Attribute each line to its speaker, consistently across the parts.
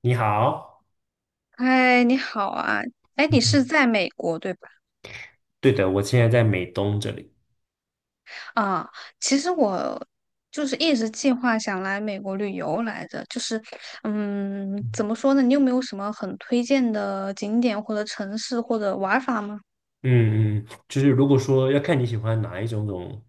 Speaker 1: 你好，
Speaker 2: 嗨，你好啊！哎，你是
Speaker 1: 嗯
Speaker 2: 在美国对吧？
Speaker 1: 对的，我现在在美东这里。
Speaker 2: 啊，其实我就是一直计划想来美国旅游来着，就是，怎
Speaker 1: 嗯
Speaker 2: 么说呢？你有没有什么很推荐的景点或者城市或者玩法吗？
Speaker 1: 嗯就是如果说要看你喜欢哪一种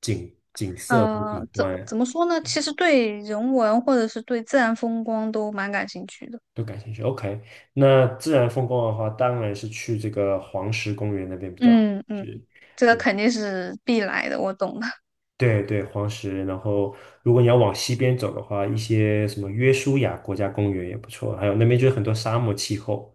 Speaker 1: 景色或
Speaker 2: 呃，
Speaker 1: 景
Speaker 2: 怎
Speaker 1: 观
Speaker 2: 怎么说呢？其实对人文或者是对自然风光都蛮感兴趣的。
Speaker 1: 都感兴趣，OK。那自然风光的话，当然是去这个黄石公园那边比较好。
Speaker 2: 嗯嗯，
Speaker 1: 是，
Speaker 2: 这个
Speaker 1: 对。
Speaker 2: 肯定是必来的，我懂的。
Speaker 1: 对，黄石。然后，如果你要往西边走的话，一些什么约书亚国家公园也不错，还有那边就是很多沙漠气候，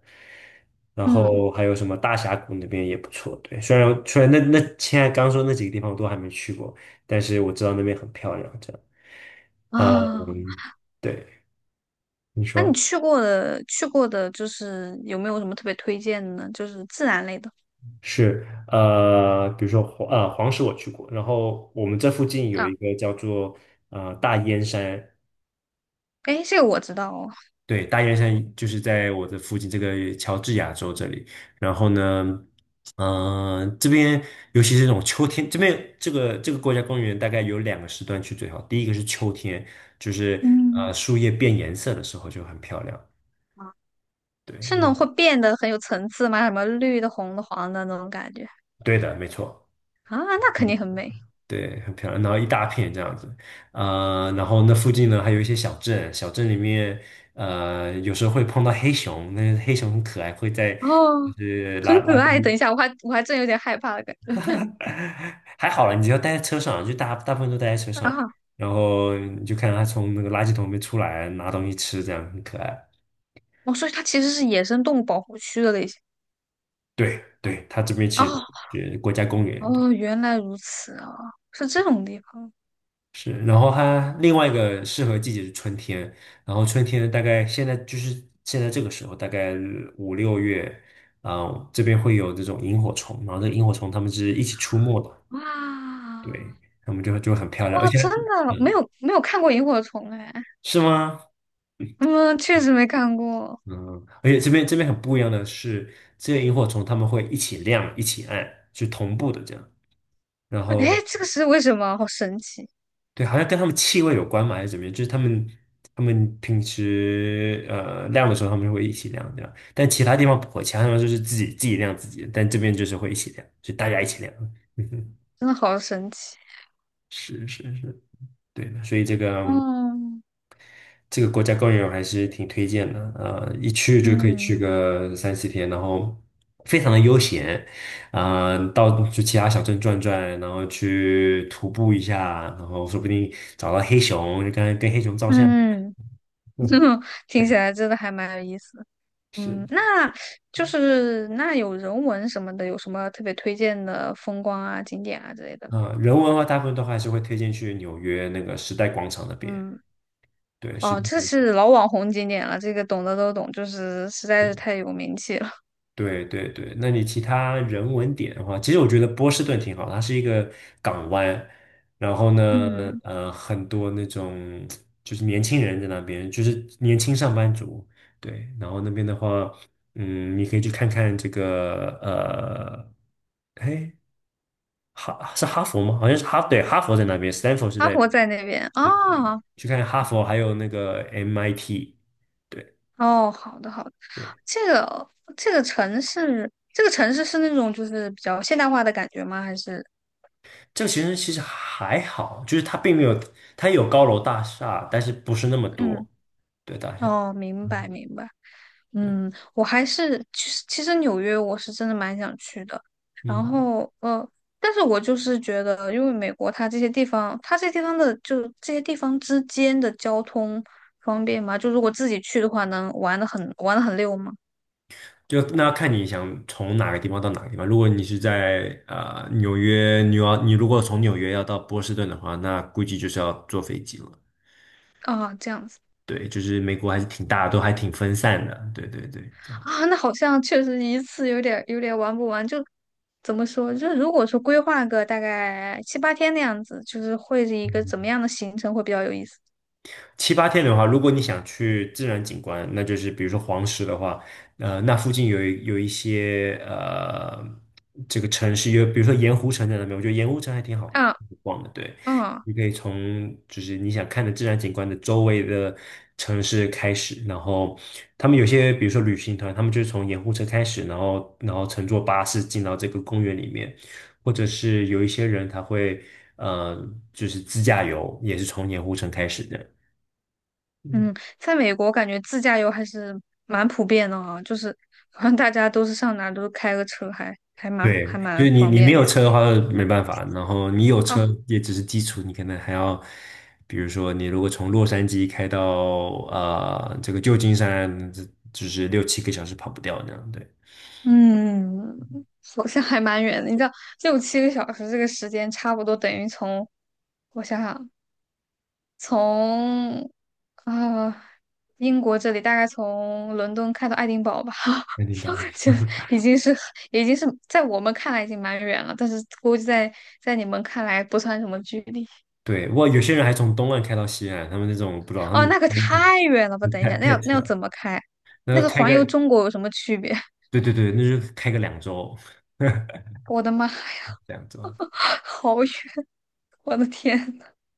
Speaker 1: 然
Speaker 2: 嗯
Speaker 1: 后还有什么大峡谷那边也不错。对，虽然现在刚说那几个地方我都还没去过，但是我知道那边很漂亮。这样，
Speaker 2: 啊。
Speaker 1: 嗯，对，你
Speaker 2: 啊，你
Speaker 1: 说
Speaker 2: 去过的去过的，就是有没有什么特别推荐的呢？就是自然类的
Speaker 1: 是比如说黄石我去过，然后我们这附近有
Speaker 2: 啊，
Speaker 1: 一个叫做大燕山，
Speaker 2: 哎，这个我知道哦，
Speaker 1: 对，大雁山就是在我的附近这个乔治亚州这里。然后呢，嗯，这边尤其是这种秋天，这个国家公园大概有两个时段去最好。第一个是秋天，就是
Speaker 2: 嗯，
Speaker 1: 树叶变颜色的时候就很漂亮。
Speaker 2: 啊，
Speaker 1: 对，
Speaker 2: 是那种会
Speaker 1: 嗯
Speaker 2: 变得很有层次吗？什么绿的、红的、黄的那种感觉
Speaker 1: 对的，没错。
Speaker 2: 啊，那
Speaker 1: 嗯，
Speaker 2: 肯定很美。
Speaker 1: 对，很漂亮，然后一大片这样子，然后那附近呢还有一些小镇，小镇里面，有时候会碰到黑熊，那黑熊很可爱，会在就
Speaker 2: 哦，
Speaker 1: 是
Speaker 2: 很可
Speaker 1: 垃
Speaker 2: 爱。等
Speaker 1: 圾。
Speaker 2: 一下，我还真有点害怕的感觉
Speaker 1: 还好了，你只要待在车上，就大部分都待在车上，
Speaker 2: 啊。
Speaker 1: 然后你就看到他从那个垃圾桶里面出来拿东西吃，这样很可爱。
Speaker 2: 哦，所以它其实是野生动物保护区的类型。
Speaker 1: 对，它这边
Speaker 2: 哦
Speaker 1: 其实是国家公园，对
Speaker 2: 哦，原来如此啊，是这种地方。
Speaker 1: 是。然后它另外一个适合季节是春天，然后春天大概现在就是现在这个时候，大概五六月，啊、这边会有这种萤火虫，然后这个萤火虫它们是一起出没的，
Speaker 2: 哇。
Speaker 1: 对，它们就很漂亮，而
Speaker 2: 哇，
Speaker 1: 且
Speaker 2: 真的没
Speaker 1: 嗯，
Speaker 2: 有没有看过萤火虫哎。
Speaker 1: 是吗？
Speaker 2: 嗯，确实没看过。
Speaker 1: 嗯，而且这边很不一样的是，这些萤火虫它们会一起亮、一起暗，是同步的这样。然
Speaker 2: 哎，
Speaker 1: 后
Speaker 2: 这个是为什么？好神奇，
Speaker 1: 对，好像跟它们气味有关嘛，还是怎么样？就是它们平时亮的时候，它们会一起亮这样，但其他地方不会，其他地方就是自己亮自己的，但这边就是会一起亮，就大家一起亮。嗯哼，
Speaker 2: 真的好神奇。
Speaker 1: 是是是，对的。所以这个。
Speaker 2: 嗯
Speaker 1: 这个国家公园我还是挺推荐的，一去就可以去
Speaker 2: 嗯
Speaker 1: 个三四天，然后非常的悠闲，啊、到去其他小镇转转，然后去徒步一下，然后说不定找到黑熊，就跟黑熊照相。
Speaker 2: 嗯，
Speaker 1: 嗯，
Speaker 2: 听起
Speaker 1: 对，
Speaker 2: 来真的还蛮有意思的。
Speaker 1: 是，
Speaker 2: 嗯，那就是那有人文什么的，有什么特别推荐的风光啊、景点啊之类的吗？
Speaker 1: 啊、人文的话，大部分都还是会推荐去纽约那个时代广场那边，
Speaker 2: 嗯。
Speaker 1: 对，是
Speaker 2: 哦，
Speaker 1: 的。
Speaker 2: 这是老网红景点了，这个懂的都懂，就是实在是太有名气了。
Speaker 1: 对，那你其他人文点的话，其实我觉得波士顿挺好，它是一个港湾，然后嗯 呢，
Speaker 2: 嗯，
Speaker 1: 很多那种就是年轻人在那边，就是年轻上班族，对，然后那边的话，嗯，你可以去看看这个，哎，是哈佛吗？好像是哈，对，哈佛在那边，Stanford 是
Speaker 2: 阿
Speaker 1: 在，
Speaker 2: 婆在那边啊，
Speaker 1: 对
Speaker 2: 哦
Speaker 1: 去看哈佛，还有那个 MIT，对。
Speaker 2: 哦，好的好的，
Speaker 1: 对。
Speaker 2: 这个这个城市，这个城市是那种就是比较现代化的感觉吗？还是
Speaker 1: 这个其实还好，就是它并没有，它有高楼大厦，但是不是那么多，
Speaker 2: 嗯，
Speaker 1: 对大厦。
Speaker 2: 哦，明白
Speaker 1: 嗯
Speaker 2: 明白，
Speaker 1: 对，
Speaker 2: 嗯，我还是其实纽约我是真的蛮想去的，
Speaker 1: 嗯，
Speaker 2: 然后但是我就是觉得，因为美国它这些地方，它这些地方的就这些地方之间的交通方便吗？就如果自己去的话，能玩的很玩的很溜吗？
Speaker 1: 就那要看你想从哪个地方到哪个地方。如果你是在纽约，你如果从纽约要到波士顿的话，那估计就是要坐飞机了。
Speaker 2: 啊，这样子。
Speaker 1: 对，就是美国还是挺大的都还挺分散的。对，这样。
Speaker 2: 啊，那好像确实一次有点玩不完，就怎么说？就是如果说规划个大概七八天那样子，就是会是一个怎么
Speaker 1: 嗯
Speaker 2: 样的行程会比较有意思？
Speaker 1: 七八天的话，如果你想去自然景观，那就是比如说黄石的话，那附近有一些这个城市，有比如说盐湖城在那边，我觉得盐湖城还挺好
Speaker 2: 啊
Speaker 1: 逛的。对，
Speaker 2: 啊
Speaker 1: 你可以从就是你想看的自然景观的周围的城市开始，然后他们有些比如说旅行团，他们就是从盐湖城开始，然后乘坐巴士进到这个公园里面，或者是有一些人他会。呃，就是自驾游也是从盐湖城开始的。嗯，
Speaker 2: 嗯，在美国感觉自驾游还是蛮普遍的啊，就是好像大家都是上哪儿都是开个车，还，还蛮
Speaker 1: 对，
Speaker 2: 还
Speaker 1: 就
Speaker 2: 蛮
Speaker 1: 是
Speaker 2: 方
Speaker 1: 你没
Speaker 2: 便
Speaker 1: 有
Speaker 2: 的
Speaker 1: 车的话没办法，然后你有车
Speaker 2: 啊。
Speaker 1: 也只是基础，你可能还要，比如说你如果从洛杉矶开到这个旧金山，这就是六七个小时跑不掉那样，对，
Speaker 2: 嗯，好像还蛮远的，你知道六七个小时这个时间差不多等于从我想想。从呃英国这里大概从伦敦开到爱丁堡吧，
Speaker 1: 肯定
Speaker 2: 就
Speaker 1: 吧？
Speaker 2: 已经是已经是在我们看来已经蛮远了，但是估计在你们看来不算什么距离。
Speaker 1: 对，哇，有些人还从东岸开到西岸，他们那种不知道他们
Speaker 2: 哦，
Speaker 1: 有
Speaker 2: 那个
Speaker 1: 那
Speaker 2: 太远了吧？
Speaker 1: 种
Speaker 2: 等一下，那
Speaker 1: 太
Speaker 2: 要那
Speaker 1: 扯
Speaker 2: 要
Speaker 1: 了，
Speaker 2: 怎么开？那
Speaker 1: 那
Speaker 2: 个
Speaker 1: 开
Speaker 2: 环
Speaker 1: 个
Speaker 2: 游中国有什么区别？
Speaker 1: 对，那就开个两周，
Speaker 2: 我的妈呀，
Speaker 1: 两周，
Speaker 2: 好远！我的天，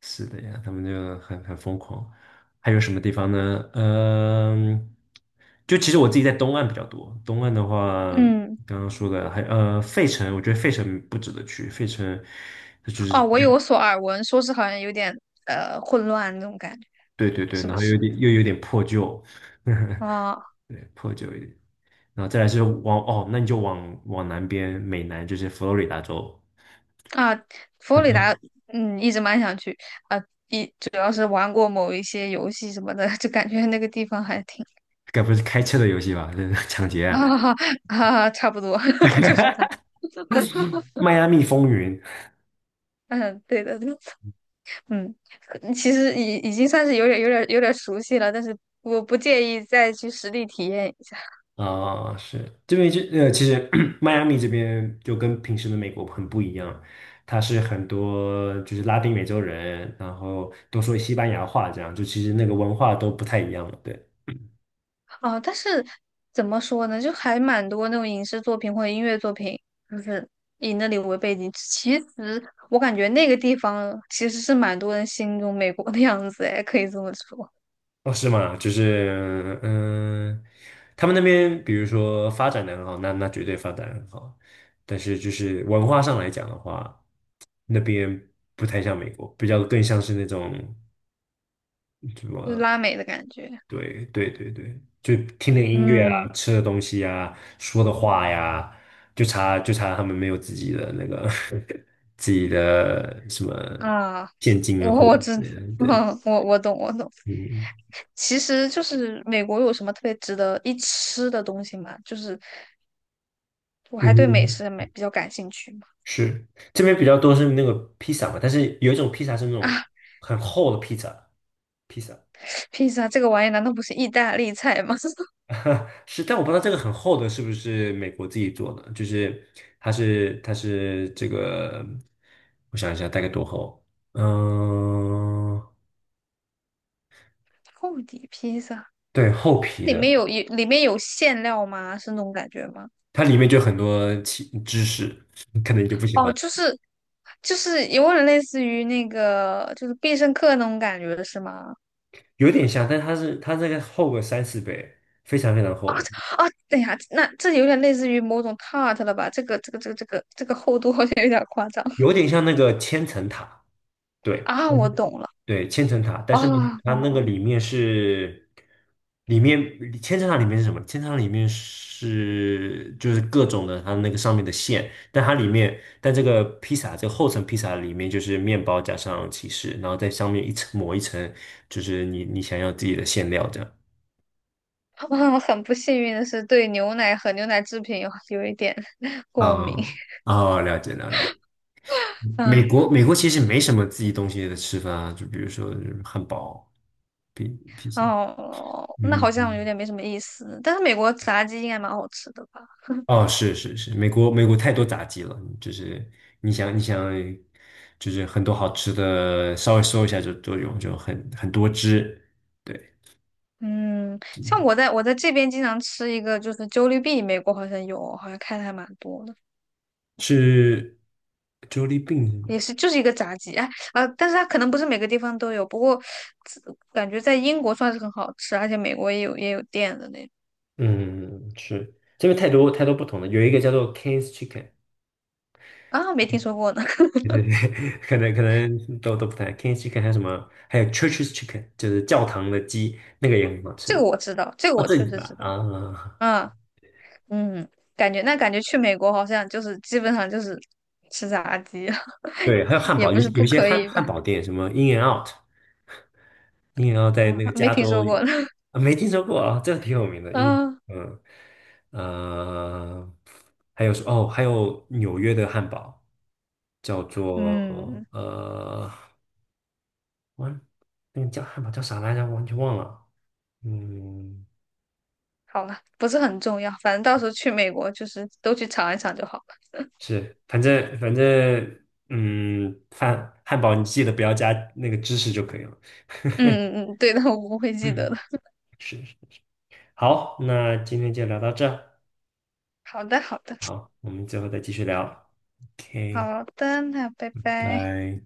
Speaker 1: 是的呀，他们就很疯狂。还有什么地方呢？嗯，就其实我自己在东岸比较多。东岸的话，
Speaker 2: 嗯，
Speaker 1: 刚刚说的还费城，我觉得费城不值得去。费城它就是
Speaker 2: 哦，
Speaker 1: 比
Speaker 2: 我
Speaker 1: 较
Speaker 2: 有所耳闻，说是好像有点呃混乱那种感觉，
Speaker 1: 对，
Speaker 2: 是
Speaker 1: 然
Speaker 2: 不
Speaker 1: 后
Speaker 2: 是？
Speaker 1: 有点破旧，
Speaker 2: 啊、
Speaker 1: 对，破旧一点。然后再来是往哦，那你就往南边，美南就是佛罗里达州，
Speaker 2: 啊，佛罗
Speaker 1: 很
Speaker 2: 里
Speaker 1: 多
Speaker 2: 达，嗯，一直蛮想去啊，一主要是玩过某一些游戏什么的，就感觉那个地方还挺
Speaker 1: 该不是开车的游戏吧？这是抢劫啊！
Speaker 2: 啊哈，差不多 就是它。
Speaker 1: 迈阿密风云，
Speaker 2: 嗯，对的，对的。嗯，其实已经算是有点熟悉了，但是我不介意再去实地体验一下。
Speaker 1: 啊，是这边就其实 迈阿密这边就跟平时的美国很不一样，它是很多就是拉丁美洲人，然后都说西班牙话，这样就其实那个文化都不太一样了。对，
Speaker 2: 哦，但是怎么说呢，就还蛮多那种影视作品或者音乐作品，就是以那里为背景。其实我感觉那个地方其实是蛮多人心中美国的样子，哎，可以这么说，
Speaker 1: 哦，是吗？就是他们那边比如说发展的很好，那绝对发展得很好，但是就是文化上来讲的话，那边不太像美国，比较更像是那种。什
Speaker 2: 就是
Speaker 1: 么。
Speaker 2: 拉美的感觉。
Speaker 1: 对对对对，就听点音乐啊，
Speaker 2: 嗯
Speaker 1: 吃的东西啊，说的话呀，就差他们没有自己的那个 自己的什么
Speaker 2: 啊，
Speaker 1: 现金啊
Speaker 2: 我
Speaker 1: 货币
Speaker 2: 我知，
Speaker 1: 之类 的对，
Speaker 2: 嗯，我懂我懂。
Speaker 1: 嗯
Speaker 2: 其实就是美国有什么特别值得一吃的东西吗？就是我
Speaker 1: 嗯
Speaker 2: 还对美
Speaker 1: 哼
Speaker 2: 食美比较感兴趣嘛。
Speaker 1: 是这边比较多是那个披萨嘛，但是有一种披萨是那
Speaker 2: 啊，
Speaker 1: 种很厚的披萨，披萨，
Speaker 2: 披萨这个玩意难道不是意大利菜吗？
Speaker 1: 是，但我不知道这个很厚的是不是美国自己做的，就是它是这个，我想一下大概多厚，嗯、
Speaker 2: 厚底披萨。
Speaker 1: 对，厚皮
Speaker 2: 里
Speaker 1: 的，
Speaker 2: 面有里面有馅料吗？是那种感觉吗？
Speaker 1: 它里面就很多其知识，可能你就不喜
Speaker 2: 哦，
Speaker 1: 欢，
Speaker 2: 就是有点类似于那个就是必胜客那种感觉是吗？
Speaker 1: 有点像，但它这个厚个三四倍，非常厚的，
Speaker 2: 啊，等一下，那这有点类似于某种 tart 了吧？这个厚度好像有点夸张
Speaker 1: 有点像那个千层塔，对，
Speaker 2: 啊！我懂了。
Speaker 1: 对，千层塔，但
Speaker 2: 啊
Speaker 1: 是呢，它
Speaker 2: 哦
Speaker 1: 那个
Speaker 2: 哦，
Speaker 1: 里面是，里面千层塔里面是什么？千层塔里面是就是各种的它那个上面的馅，但它里面，但这个披萨这个厚层披萨里面就是面包加上起司，然后在上面一层抹一层，就是你想要自己的馅料这样。
Speaker 2: 我很不幸运的是，对牛奶和牛奶制品有一点 过
Speaker 1: 啊
Speaker 2: 敏。
Speaker 1: 啊，了解了解。
Speaker 2: 嗯，
Speaker 1: 美国其实没什么自己东西的吃法，就比如说汉堡、披披萨，
Speaker 2: 哦，那
Speaker 1: 嗯
Speaker 2: 好像有
Speaker 1: 嗯。
Speaker 2: 点没什么意思。但是美国炸鸡应该蛮好吃的吧？
Speaker 1: 哦，是是是，美国太多炸鸡了，就是你想，就是很多好吃的，稍微搜一下就都有，就很多汁。对，
Speaker 2: 嗯，像我在这边经常吃一个，就是 JLLBE 币，美国好像有，好像开的还蛮多的，
Speaker 1: 是 Jollibee 是
Speaker 2: 也
Speaker 1: 吗？
Speaker 2: 是就是一个炸鸡，哎啊，但是它可能不是每个地方都有，不过自感觉在英国算是很好吃，而且美国也有店的那种
Speaker 1: 嗯，是这边太多不同的，有一个叫做 King's Chicken，
Speaker 2: 啊，没听说过呢，
Speaker 1: 对，可能都不太 King's Chicken，还有什么，还有 Church's e Chicken，就是教堂的鸡，那个也很好吃。
Speaker 2: 这个我知道，这个
Speaker 1: 哦，
Speaker 2: 我
Speaker 1: 这
Speaker 2: 确
Speaker 1: 里
Speaker 2: 实知
Speaker 1: 吧，
Speaker 2: 道，
Speaker 1: 啊，
Speaker 2: 啊嗯。感觉去美国好像就是基本上就是吃炸鸡，
Speaker 1: 对，还有汉
Speaker 2: 也
Speaker 1: 堡，
Speaker 2: 不是
Speaker 1: 有
Speaker 2: 不
Speaker 1: 一些
Speaker 2: 可以吧，
Speaker 1: 汉堡店，什么 In and Out。鹰眼 要在
Speaker 2: 啊，
Speaker 1: 那个
Speaker 2: 没
Speaker 1: 加
Speaker 2: 听
Speaker 1: 州
Speaker 2: 说过呢，
Speaker 1: 啊，没听说过啊，这个挺有名 的。鹰，
Speaker 2: 啊
Speaker 1: 嗯，呃，还有是哦，还有纽约的汉堡叫做
Speaker 2: 嗯。
Speaker 1: 完，那个叫汉堡叫啥来着？我完全忘了。嗯，
Speaker 2: 好了，不是很重要，反正到时候去美国就是都去尝一尝就好了。
Speaker 1: 是，反正，嗯，汉堡你记得不要加那个芝士就可以了。
Speaker 2: 嗯 嗯嗯，对的，我不会记得
Speaker 1: 嗯，
Speaker 2: 的。
Speaker 1: 是是。好，那今天就聊到这儿
Speaker 2: 好的，好的，
Speaker 1: 好，我们最后再继续聊。OK。
Speaker 2: 好的，那拜拜。
Speaker 1: 拜。